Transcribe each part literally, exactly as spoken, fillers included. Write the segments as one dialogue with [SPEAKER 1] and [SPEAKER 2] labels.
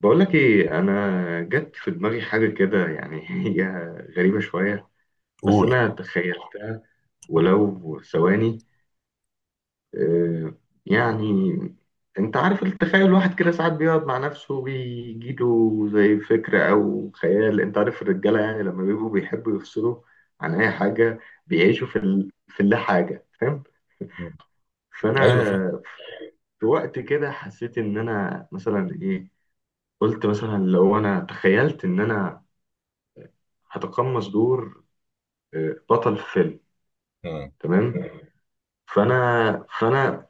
[SPEAKER 1] بقولك ايه؟ انا جت في دماغي حاجه كده، يعني هي غريبه شويه. بس
[SPEAKER 2] قول.
[SPEAKER 1] انا تخيلتها
[SPEAKER 2] مم.
[SPEAKER 1] ولو ثواني. آه، يعني انت عارف التخيل؟ الواحد كده ساعات بيقعد مع نفسه، بيجيله زي فكره او خيال. انت عارف الرجاله، يعني لما بيبقوا بيحبوا يفصلوا عن اي حاجه، بيعيشوا في ال... في اللا حاجه. فاهم؟ مم.
[SPEAKER 2] مم. ايوه
[SPEAKER 1] فانا
[SPEAKER 2] فاهم.
[SPEAKER 1] في وقت كده حسيت ان انا مثلا ايه؟ قلت مثلا لو انا تخيلت ان انا هتقمص دور، آه، بطل فيلم.
[SPEAKER 2] مم.
[SPEAKER 1] تمام. فانا فانا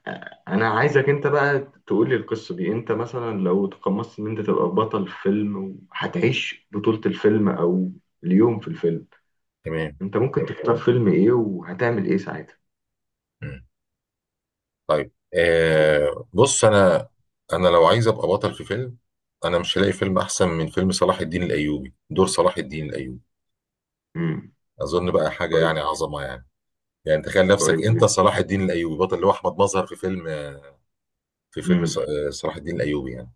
[SPEAKER 1] انا عايزك انت بقى تقول لي القصه دي. انت مثلا لو تقمصت ان انت تبقى بطل فيلم، وهتعيش بطوله الفيلم او اليوم في الفيلم،
[SPEAKER 2] تمام.
[SPEAKER 1] انت ممكن تختار فيلم ايه، وهتعمل ايه ساعتها؟
[SPEAKER 2] مم. طيب آه بص انا، انا لو عايز ابقى بطل في فيلم انا مش هلاقي فيلم احسن من فيلم صلاح الدين الايوبي، دور صلاح الدين الايوبي
[SPEAKER 1] امم.
[SPEAKER 2] اظن بقى حاجه
[SPEAKER 1] كويس.
[SPEAKER 2] يعني عظمه يعني. يعني تخيل نفسك
[SPEAKER 1] كويس
[SPEAKER 2] انت
[SPEAKER 1] جدا.
[SPEAKER 2] صلاح الدين الايوبي، بطل اللي هو احمد مظهر في فيلم، آه، في فيلم ص-
[SPEAKER 1] امم.
[SPEAKER 2] آه، صلاح الدين الايوبي يعني.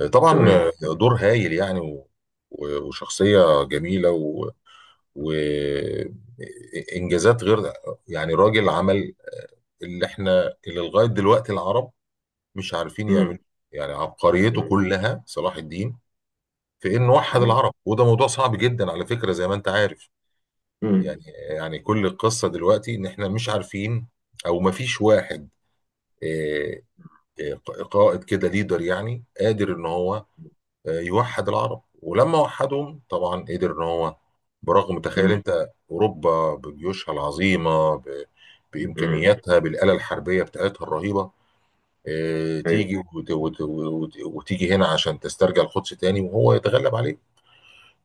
[SPEAKER 2] آه، طبعا،
[SPEAKER 1] تمام
[SPEAKER 2] آه،
[SPEAKER 1] تمام.
[SPEAKER 2] دور هايل يعني، و- و- وشخصيه جميله، و- وانجازات غير، يعني راجل عمل اللي احنا اللي لغايه دلوقتي العرب مش عارفين يعملوا.
[SPEAKER 1] امم،
[SPEAKER 2] إيه. يعني عبقريته
[SPEAKER 1] امم،
[SPEAKER 2] كلها صلاح الدين في انه وحد
[SPEAKER 1] امم،
[SPEAKER 2] العرب، وده موضوع صعب جدا على فكره زي ما انت عارف.
[SPEAKER 1] امم،
[SPEAKER 2] يعني يعني كل القصه دلوقتي ان احنا مش عارفين، او ما فيش واحد، آه، آه، قائد كده ليدر، يعني قادر ان هو آه، يوحد العرب، ولما وحدهم طبعا قدر ان هو، برغم تخيل
[SPEAKER 1] امم،
[SPEAKER 2] انت اوروبا بجيوشها العظيمه، ب-
[SPEAKER 1] امم.
[SPEAKER 2] بامكانياتها، بالاله الحربيه بتاعتها الرهيبه، آه،
[SPEAKER 1] ايوه،
[SPEAKER 2] تيجي وت- وت- وت- وتيجي هنا عشان تسترجع القدس تاني، وهو يتغلب عليه.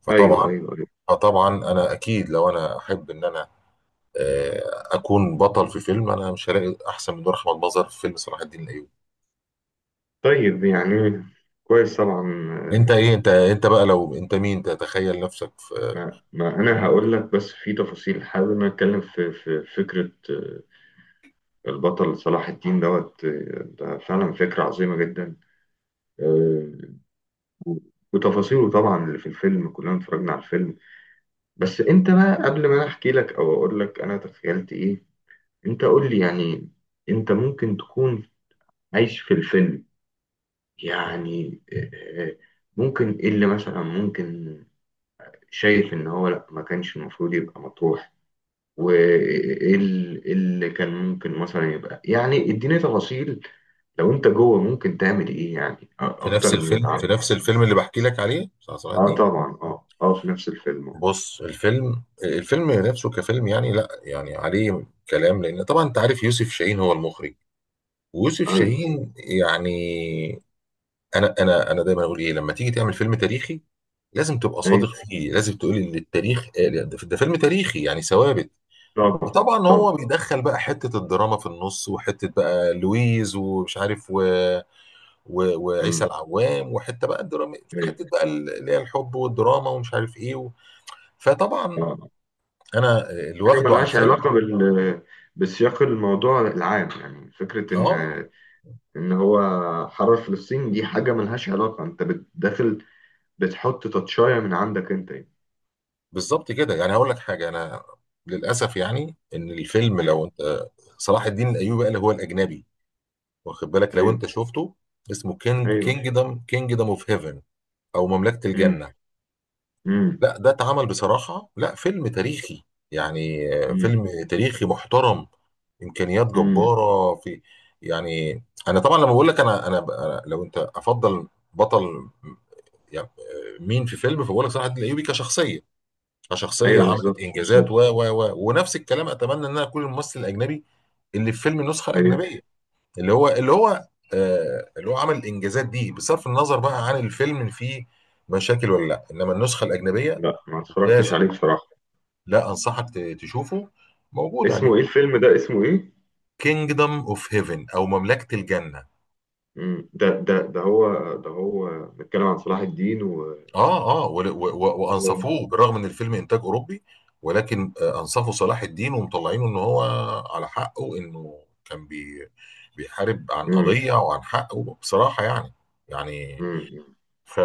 [SPEAKER 2] فطبعا،
[SPEAKER 1] ايوه، ايوه، أيوة.
[SPEAKER 2] فطبعا انا اكيد لو انا احب ان انا آه، اكون بطل في فيلم، انا مش هلاقي احسن من نور احمد مظهر في فيلم صلاح الدين الايوبي.
[SPEAKER 1] طيب، يعني كويس طبعا.
[SPEAKER 2] انت
[SPEAKER 1] آه،
[SPEAKER 2] ايه، انت انت بقى لو انت مين تتخيل نفسك في،
[SPEAKER 1] ما, ما انا هقول لك، بس في تفاصيل حابب إن أنا اتكلم في في فكره. آه، البطل صلاح الدين دوت. آه، ده فعلا فكره عظيمه جدا. آه، و- وتفاصيله طبعا اللي في الفيلم، كلنا اتفرجنا على الفيلم. بس انت بقى قبل ما انا احكي لك او اقول لك انا تخيلت ايه، انت قول لي يعني انت ممكن تكون عايش في الفيلم، يعني آه، آه، ممكن ايه اللي مثلا ممكن؟ شايف ان هو لا، ما كانش المفروض يبقى مطروح، وايه ال- إيه اللي كان ممكن مثلا يبقى؟ يعني اديني تفاصيل. لو انت جوه ممكن تعمل ايه يعني؟ أ-
[SPEAKER 2] في نفس
[SPEAKER 1] اكتر من اللي
[SPEAKER 2] الفيلم، في
[SPEAKER 1] اتعمل.
[SPEAKER 2] نفس الفيلم اللي بحكي لك عليه بتاع صلاح
[SPEAKER 1] اه
[SPEAKER 2] الدين.
[SPEAKER 1] طبعا، اه، اه، في نفس الفيلم. آه.
[SPEAKER 2] بص الفيلم، الفيلم نفسه كفيلم يعني لا يعني عليه كلام، لان طبعا انت عارف يوسف شاهين هو المخرج، ويوسف
[SPEAKER 1] ايوه،
[SPEAKER 2] شاهين يعني، انا انا انا دايما اقول ايه، لما تيجي تعمل فيلم تاريخي لازم تبقى
[SPEAKER 1] ايوه،
[SPEAKER 2] صادق فيه، لازم تقول ان التاريخ قال- ده ده فيلم تاريخي يعني ثوابت.
[SPEAKER 1] طبعا،
[SPEAKER 2] وطبعا هو
[SPEAKER 1] طبعا،
[SPEAKER 2] بيدخل بقى حته الدراما في النص، وحته بقى لويز ومش عارف و... و... وعيسى
[SPEAKER 1] امم،
[SPEAKER 2] العوام، وحته بقى الدراما
[SPEAKER 1] ايوه،
[SPEAKER 2] حته بقى اللي هي الحب والدراما ومش عارف ايه و... فطبعا
[SPEAKER 1] اه.
[SPEAKER 2] انا اللي
[SPEAKER 1] حاجه
[SPEAKER 2] واخده على
[SPEAKER 1] ملهاش
[SPEAKER 2] الفيلم.
[SPEAKER 1] علاقه بال، بسياق الموضوع العام، يعني فكره ان
[SPEAKER 2] اه
[SPEAKER 1] ان هو حرر فلسطين دي حاجه ملهاش علاقه. انت بت- داخل بتحط تاتشايه من عندك انت، يعني.
[SPEAKER 2] بالظبط كده. يعني هقول لك حاجه، انا
[SPEAKER 1] مم.
[SPEAKER 2] للاسف يعني ان الفيلم
[SPEAKER 1] مم.
[SPEAKER 2] لو انت صلاح الدين الايوبي قال هو الاجنبي، واخد بالك لو
[SPEAKER 1] ايوه،
[SPEAKER 2] انت شفته، اسمه كينج،
[SPEAKER 1] ايوه،
[SPEAKER 2] كينجدم كينجدم اوف هيفن، او مملكه
[SPEAKER 1] امم،
[SPEAKER 2] الجنه.
[SPEAKER 1] امم،
[SPEAKER 2] لا ده اتعمل بصراحه لا فيلم تاريخي، يعني آه، فيلم تاريخي محترم، امكانيات
[SPEAKER 1] امم،
[SPEAKER 2] جباره في، يعني انا طبعا لما بقول لك انا انا أنا لو انت افضل بطل يعني، آه، مين في فيلم، فبقول لك صلاح الدين الايوبي كشخصيه، كشخصيه
[SPEAKER 1] ايوه،
[SPEAKER 2] عملت
[SPEAKER 1] بالظبط،
[SPEAKER 2] انجازات و
[SPEAKER 1] بالظبط،
[SPEAKER 2] و و ونفس الكلام، اتمنى ان انا اكون الممثل الاجنبي اللي في فيلم النسخه
[SPEAKER 1] ايوه،
[SPEAKER 2] الاجنبيه، اللي هو اللي هو آه اللي هو عمل الانجازات دي، بصرف النظر بقى عن الفيلم اللي فيه مشاكل ولا لا، انما النسخه الاجنبيه
[SPEAKER 1] لا ما اتفرجتش
[SPEAKER 2] ممتازه.
[SPEAKER 1] عليه بصراحه.
[SPEAKER 2] لا انصحك ت- تشوفه، موجود على
[SPEAKER 1] اسمه ايه
[SPEAKER 2] اليوتيوب.
[SPEAKER 1] الفيلم ده، اسمه ايه؟
[SPEAKER 2] كينجدم اوف هيفن او مملكه الجنه.
[SPEAKER 1] امم، ده ده ده هو ده هو بيتكلم عن صلاح الدين و
[SPEAKER 2] اه اه ول- و- و-
[SPEAKER 1] و-
[SPEAKER 2] وانصفوه، بالرغم ان الفيلم انتاج اوروبي، ولكن آه، انصفوا صلاح الدين ومطلعينه ان هو على حقه، انه كان بي، بيحارب عن
[SPEAKER 1] امم،
[SPEAKER 2] قضيه وعن حقه بصراحه يعني. يعني
[SPEAKER 1] امم،
[SPEAKER 2] ف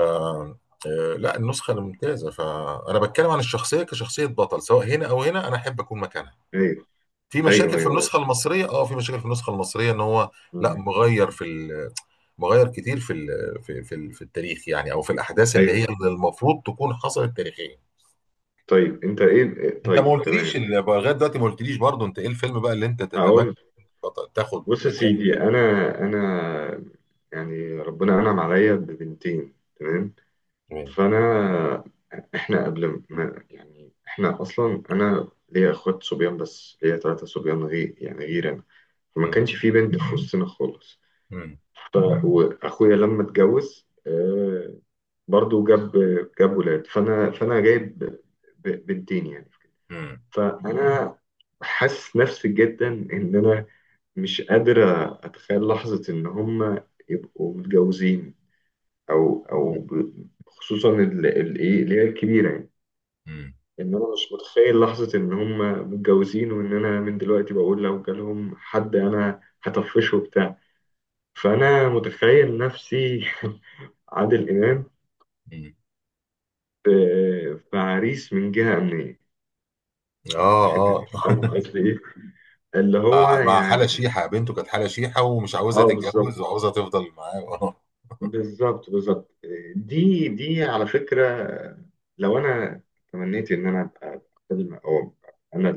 [SPEAKER 2] آه، لا النسخه الممتازه، فانا بتكلم عن الشخصيه كشخصيه بطل، سواء هنا او هنا انا احب اكون مكانها.
[SPEAKER 1] ايوه،
[SPEAKER 2] في
[SPEAKER 1] ايوه، ايوه،
[SPEAKER 2] مشاكل في
[SPEAKER 1] ايوه،
[SPEAKER 2] النسخه المصريه، اه في مشاكل في النسخه المصريه ان هو لا
[SPEAKER 1] مم،
[SPEAKER 2] مغير في ال، مغير كتير في ال- في في ال- في التاريخ يعني، او في الاحداث اللي هي
[SPEAKER 1] ايوه.
[SPEAKER 2] اللي المفروض تكون حصلت تاريخيا.
[SPEAKER 1] طيب انت ايه، إيه-
[SPEAKER 2] انت ما
[SPEAKER 1] طيب
[SPEAKER 2] قلتليش
[SPEAKER 1] تمام.
[SPEAKER 2] ال- لغايه دلوقتي ما قلتليش برضه انت ايه الفيلم بقى اللي انت تتمنى
[SPEAKER 1] هقول.
[SPEAKER 2] تط- تاخد
[SPEAKER 1] بص يا
[SPEAKER 2] مكان.
[SPEAKER 1] سيدي، انا انا يعني ربنا انعم عليا ببنتين، تمام.
[SPEAKER 2] مم.
[SPEAKER 1] فانا احنا قبل ما يعني احنا اصلا، انا ليا اخوات صبيان، بس ليا ثلاثة صبيان غير يعني غير انا، فما
[SPEAKER 2] مم.
[SPEAKER 1] كانش في بنت في وسطنا خالص.
[SPEAKER 2] مم.
[SPEAKER 1] ف... واخويا لما اتجوز آه برضو جاب جاب ولاد. فانا فانا جايب ب... بنتين يعني.
[SPEAKER 2] مم.
[SPEAKER 1] فانا حاسس نفسي جدا ان انا مش قادر اتخيل لحظة ان هم يبقوا متجوزين، او او ب... خصوصا ال- ال- ايه اللي هي الكبيرة، يعني ان انا مش متخيل لحظة ان هم متجوزين، وان انا من دلوقتي بقول لو جالهم حد انا هطفشه وبتاع. فانا متخيل نفسي عادل امام
[SPEAKER 2] مم.
[SPEAKER 1] في في عريس من جهة امنية.
[SPEAKER 2] اه اه.
[SPEAKER 1] انت فاهم قصدي ايه؟ اللي هو
[SPEAKER 2] مع مع
[SPEAKER 1] يعني
[SPEAKER 2] حالة شيحة، بنته كانت حالة شيحة ومش عاوزة
[SPEAKER 1] اه، بالظبط،
[SPEAKER 2] تتجوز وعاوزة تفضل معاه. اه.
[SPEAKER 1] بالظبط، بالظبط. دي دي على فكرة، لو انا تمنيت ان انا ابقى فيلم او أبقى انا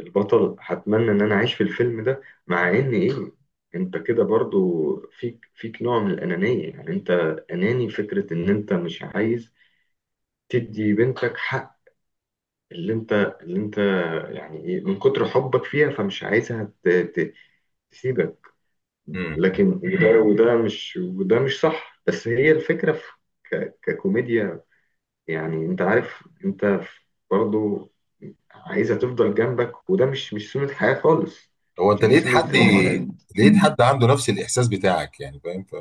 [SPEAKER 1] البطل، هتمنى ان انا اعيش في الفيلم ده. مع ان ايه، انت كده برضو فيك فيك نوع من الانانيه يعني. انت اناني، فكره ان انت مش عايز تدي بنتك حق اللي انت اللي انت يعني ايه، من كتر حبك فيها فمش عايزها ت- ت- تسيبك.
[SPEAKER 2] مم. مم.
[SPEAKER 1] لكن وده وده مش مش صح. بس فكره في- ككوميديا، يعني انت عارف، انت برضو عايزها تفضل جنبك، وده مش مش سنه حياه خالص.
[SPEAKER 2] هو
[SPEAKER 1] مش
[SPEAKER 2] انت
[SPEAKER 1] دي
[SPEAKER 2] لقيت
[SPEAKER 1] سنه
[SPEAKER 2] حد،
[SPEAKER 1] الحياه.
[SPEAKER 2] لقيت حد عنده نفس الاحساس بتاعك يعني فاهم ف...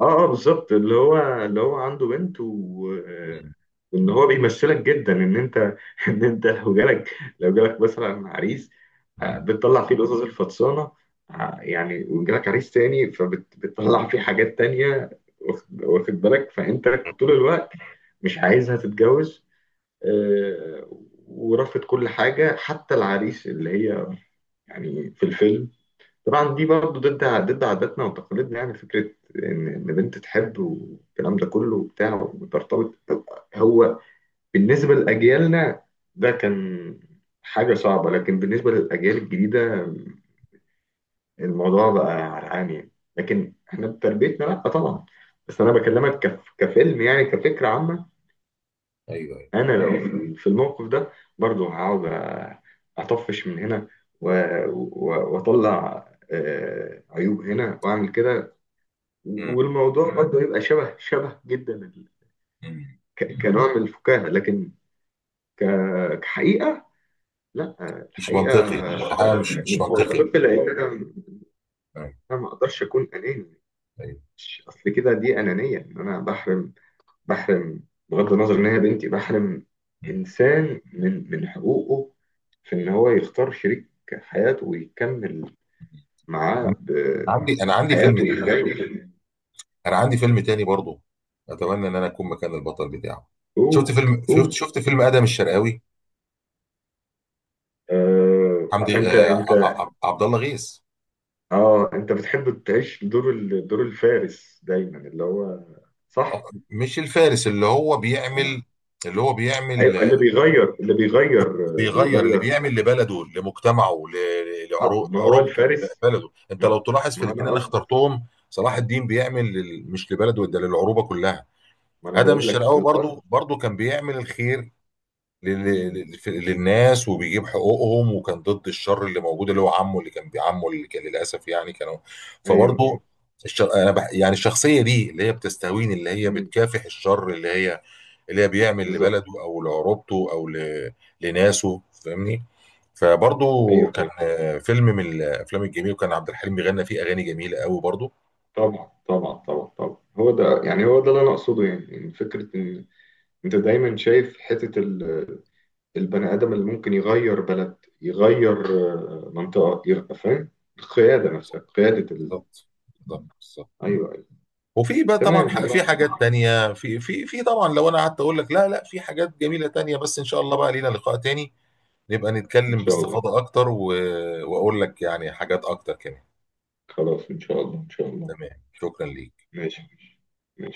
[SPEAKER 1] اه، اه، بالظبط. اللي هو اللي هو عنده بنت و... آه،
[SPEAKER 2] مم.
[SPEAKER 1] وان هو بيمثلك جدا، ان انت ان انت لو جالك لو جالك مثلا عريس. آه،
[SPEAKER 2] مم.
[SPEAKER 1] بتطلع فيه القصص الفطسانه. آه، يعني وجالك عريس تاني فبتطلع فيه حاجات تانية. واخد واخد بالك؟ فانت طول الوقت مش عايزها تتجوز. آه، ورافض كل حاجه حتى العريس، اللي هي يعني في الفيلم. طبعا دي برضه ضد ضد عاداتنا وتقاليدنا، يعني فكرة إن إن بنت تحب والكلام ده كله وبتاع، وترتبط. هو بالنسبة لأجيالنا ده كان حاجة صعبة، لكن بالنسبة للأجيال الجديدة الموضوع بقى عرقان يعني. لكن إحنا بتربيتنا لأ طبعا. بس أنا بكلمك كف... كفيلم، يعني كفكرة عامة.
[SPEAKER 2] ايوه ايوه.
[SPEAKER 1] أنا لو في في الموقف ده، برضه هقعد أطفش من هنا، و- و- وأطلع آه، عيوب هنا وأعمل كده.
[SPEAKER 2] مم.
[SPEAKER 1] والموضوع برضه يبقى شبه شبه جدا ال-
[SPEAKER 2] مم.
[SPEAKER 1] ك- كنوع من الفكاهة، لكن ك- كحقيقة لا.
[SPEAKER 2] مش
[SPEAKER 1] الحقيقة
[SPEAKER 2] منطقي، حاجه مش مش منطقي.
[SPEAKER 1] الطب، لأن أنا
[SPEAKER 2] آه،
[SPEAKER 1] أنا ما أقدرش أكون أناني.
[SPEAKER 2] أيوة.
[SPEAKER 1] مش- أصل كده دي أنانية، إن أنا بحرم بحرم بغض النظر إن هي بنتي، بحرم
[SPEAKER 2] م.
[SPEAKER 1] إنسان من من حقوقه في إن هو يختار شريك حياته ويكمل
[SPEAKER 2] انا
[SPEAKER 1] معاه
[SPEAKER 2] عندي، انا عندي فيلم
[SPEAKER 1] بحياته
[SPEAKER 2] تاني،
[SPEAKER 1] الجاية.
[SPEAKER 2] انا عندي فيلم تاني برضو اتمنى ان انا اكون مكان البطل بتاعه.
[SPEAKER 1] هو
[SPEAKER 2] شفت فيلم،
[SPEAKER 1] هو
[SPEAKER 2] شفت شفت فيلم ادم الشرقاوي،
[SPEAKER 1] آه،
[SPEAKER 2] حمدي
[SPEAKER 1] أنت
[SPEAKER 2] آه
[SPEAKER 1] أنت
[SPEAKER 2] ع- ع- عبد الله غيث.
[SPEAKER 1] اه انت بتحب تعيش دور ال- دور الفارس دايما، اللي هو
[SPEAKER 2] آه،
[SPEAKER 1] صح.
[SPEAKER 2] مش الفارس اللي هو بيعمل،
[SPEAKER 1] آه.
[SPEAKER 2] اللي هو بيعمل
[SPEAKER 1] ايوه اللي
[SPEAKER 2] آه،
[SPEAKER 1] بيغير اللي بيغير آه،
[SPEAKER 2] بيغير، اللي
[SPEAKER 1] بيغير.
[SPEAKER 2] بيعمل لبلده لمجتمعه ل-
[SPEAKER 1] اه
[SPEAKER 2] لعرو-
[SPEAKER 1] ما هو
[SPEAKER 2] لعروبته.
[SPEAKER 1] الفارس.
[SPEAKER 2] بلده. انت لو
[SPEAKER 1] ما,
[SPEAKER 2] تلاحظ في
[SPEAKER 1] ما
[SPEAKER 2] الاثنين
[SPEAKER 1] انا
[SPEAKER 2] انا
[SPEAKER 1] قصد،
[SPEAKER 2] اخترتهم، صلاح الدين بيعمل لل- مش لبلده ده للعروبه كلها.
[SPEAKER 1] ما انا
[SPEAKER 2] ادم
[SPEAKER 1] بقول لك
[SPEAKER 2] الشرقاوي
[SPEAKER 1] القصد.
[SPEAKER 2] برضو، برضو كان بيعمل الخير لل-
[SPEAKER 1] مم.
[SPEAKER 2] لل- في- للناس، وبيجيب حقوقهم، وكان ضد الشر اللي موجود، اللي هو عمه اللي كان بيعمه اللي كان للاسف يعني كانوا.
[SPEAKER 1] ايوه.
[SPEAKER 2] فبرضو الشر... انا بح... يعني الشخصيه دي اللي هي بتستهويني، اللي هي
[SPEAKER 1] مم.
[SPEAKER 2] بتكافح الشر، اللي هي اللي هي بيعمل
[SPEAKER 1] بالظبط.
[SPEAKER 2] لبلده، او لعروبته، او ل... لناسه، فاهمني. فبرضو
[SPEAKER 1] ايوه،
[SPEAKER 2] كان
[SPEAKER 1] ايوه،
[SPEAKER 2] آه، فيلم من الافلام الجميله، وكان عبد الحليم بيغنى فيه اغاني جميله قوي برضو.
[SPEAKER 1] طبعا، طبعا، طبعا، طبعا. هو ده، يعني هو ده اللي انا اقصده، يعني يعني فكره ان انت دايما شايف حته ال- البني ادم اللي ممكن يغير بلد، يغير آه، منطقه، يغ- فاهم؟ القياده نفسها، قياده ال...
[SPEAKER 2] بالظبط بالظبط.
[SPEAKER 1] ايوه،
[SPEAKER 2] وفي بقى طبعا
[SPEAKER 1] تمام
[SPEAKER 2] ح-
[SPEAKER 1] والله.
[SPEAKER 2] في حاجات تانية، في في في طبعا لو انا قعدت اقول لك لا لا في حاجات جميلة تانية، بس ان شاء الله بقى لينا لقاء تاني نبقى
[SPEAKER 1] إن
[SPEAKER 2] نتكلم
[SPEAKER 1] شاء الله.
[SPEAKER 2] باستفاضة اكتر، و... واقول لك يعني حاجات اكتر كمان.
[SPEAKER 1] خلاص، إن شاء الله، إن شاء الله.
[SPEAKER 2] تمام، شكرا ليك.
[SPEAKER 1] ماشي، ماشي.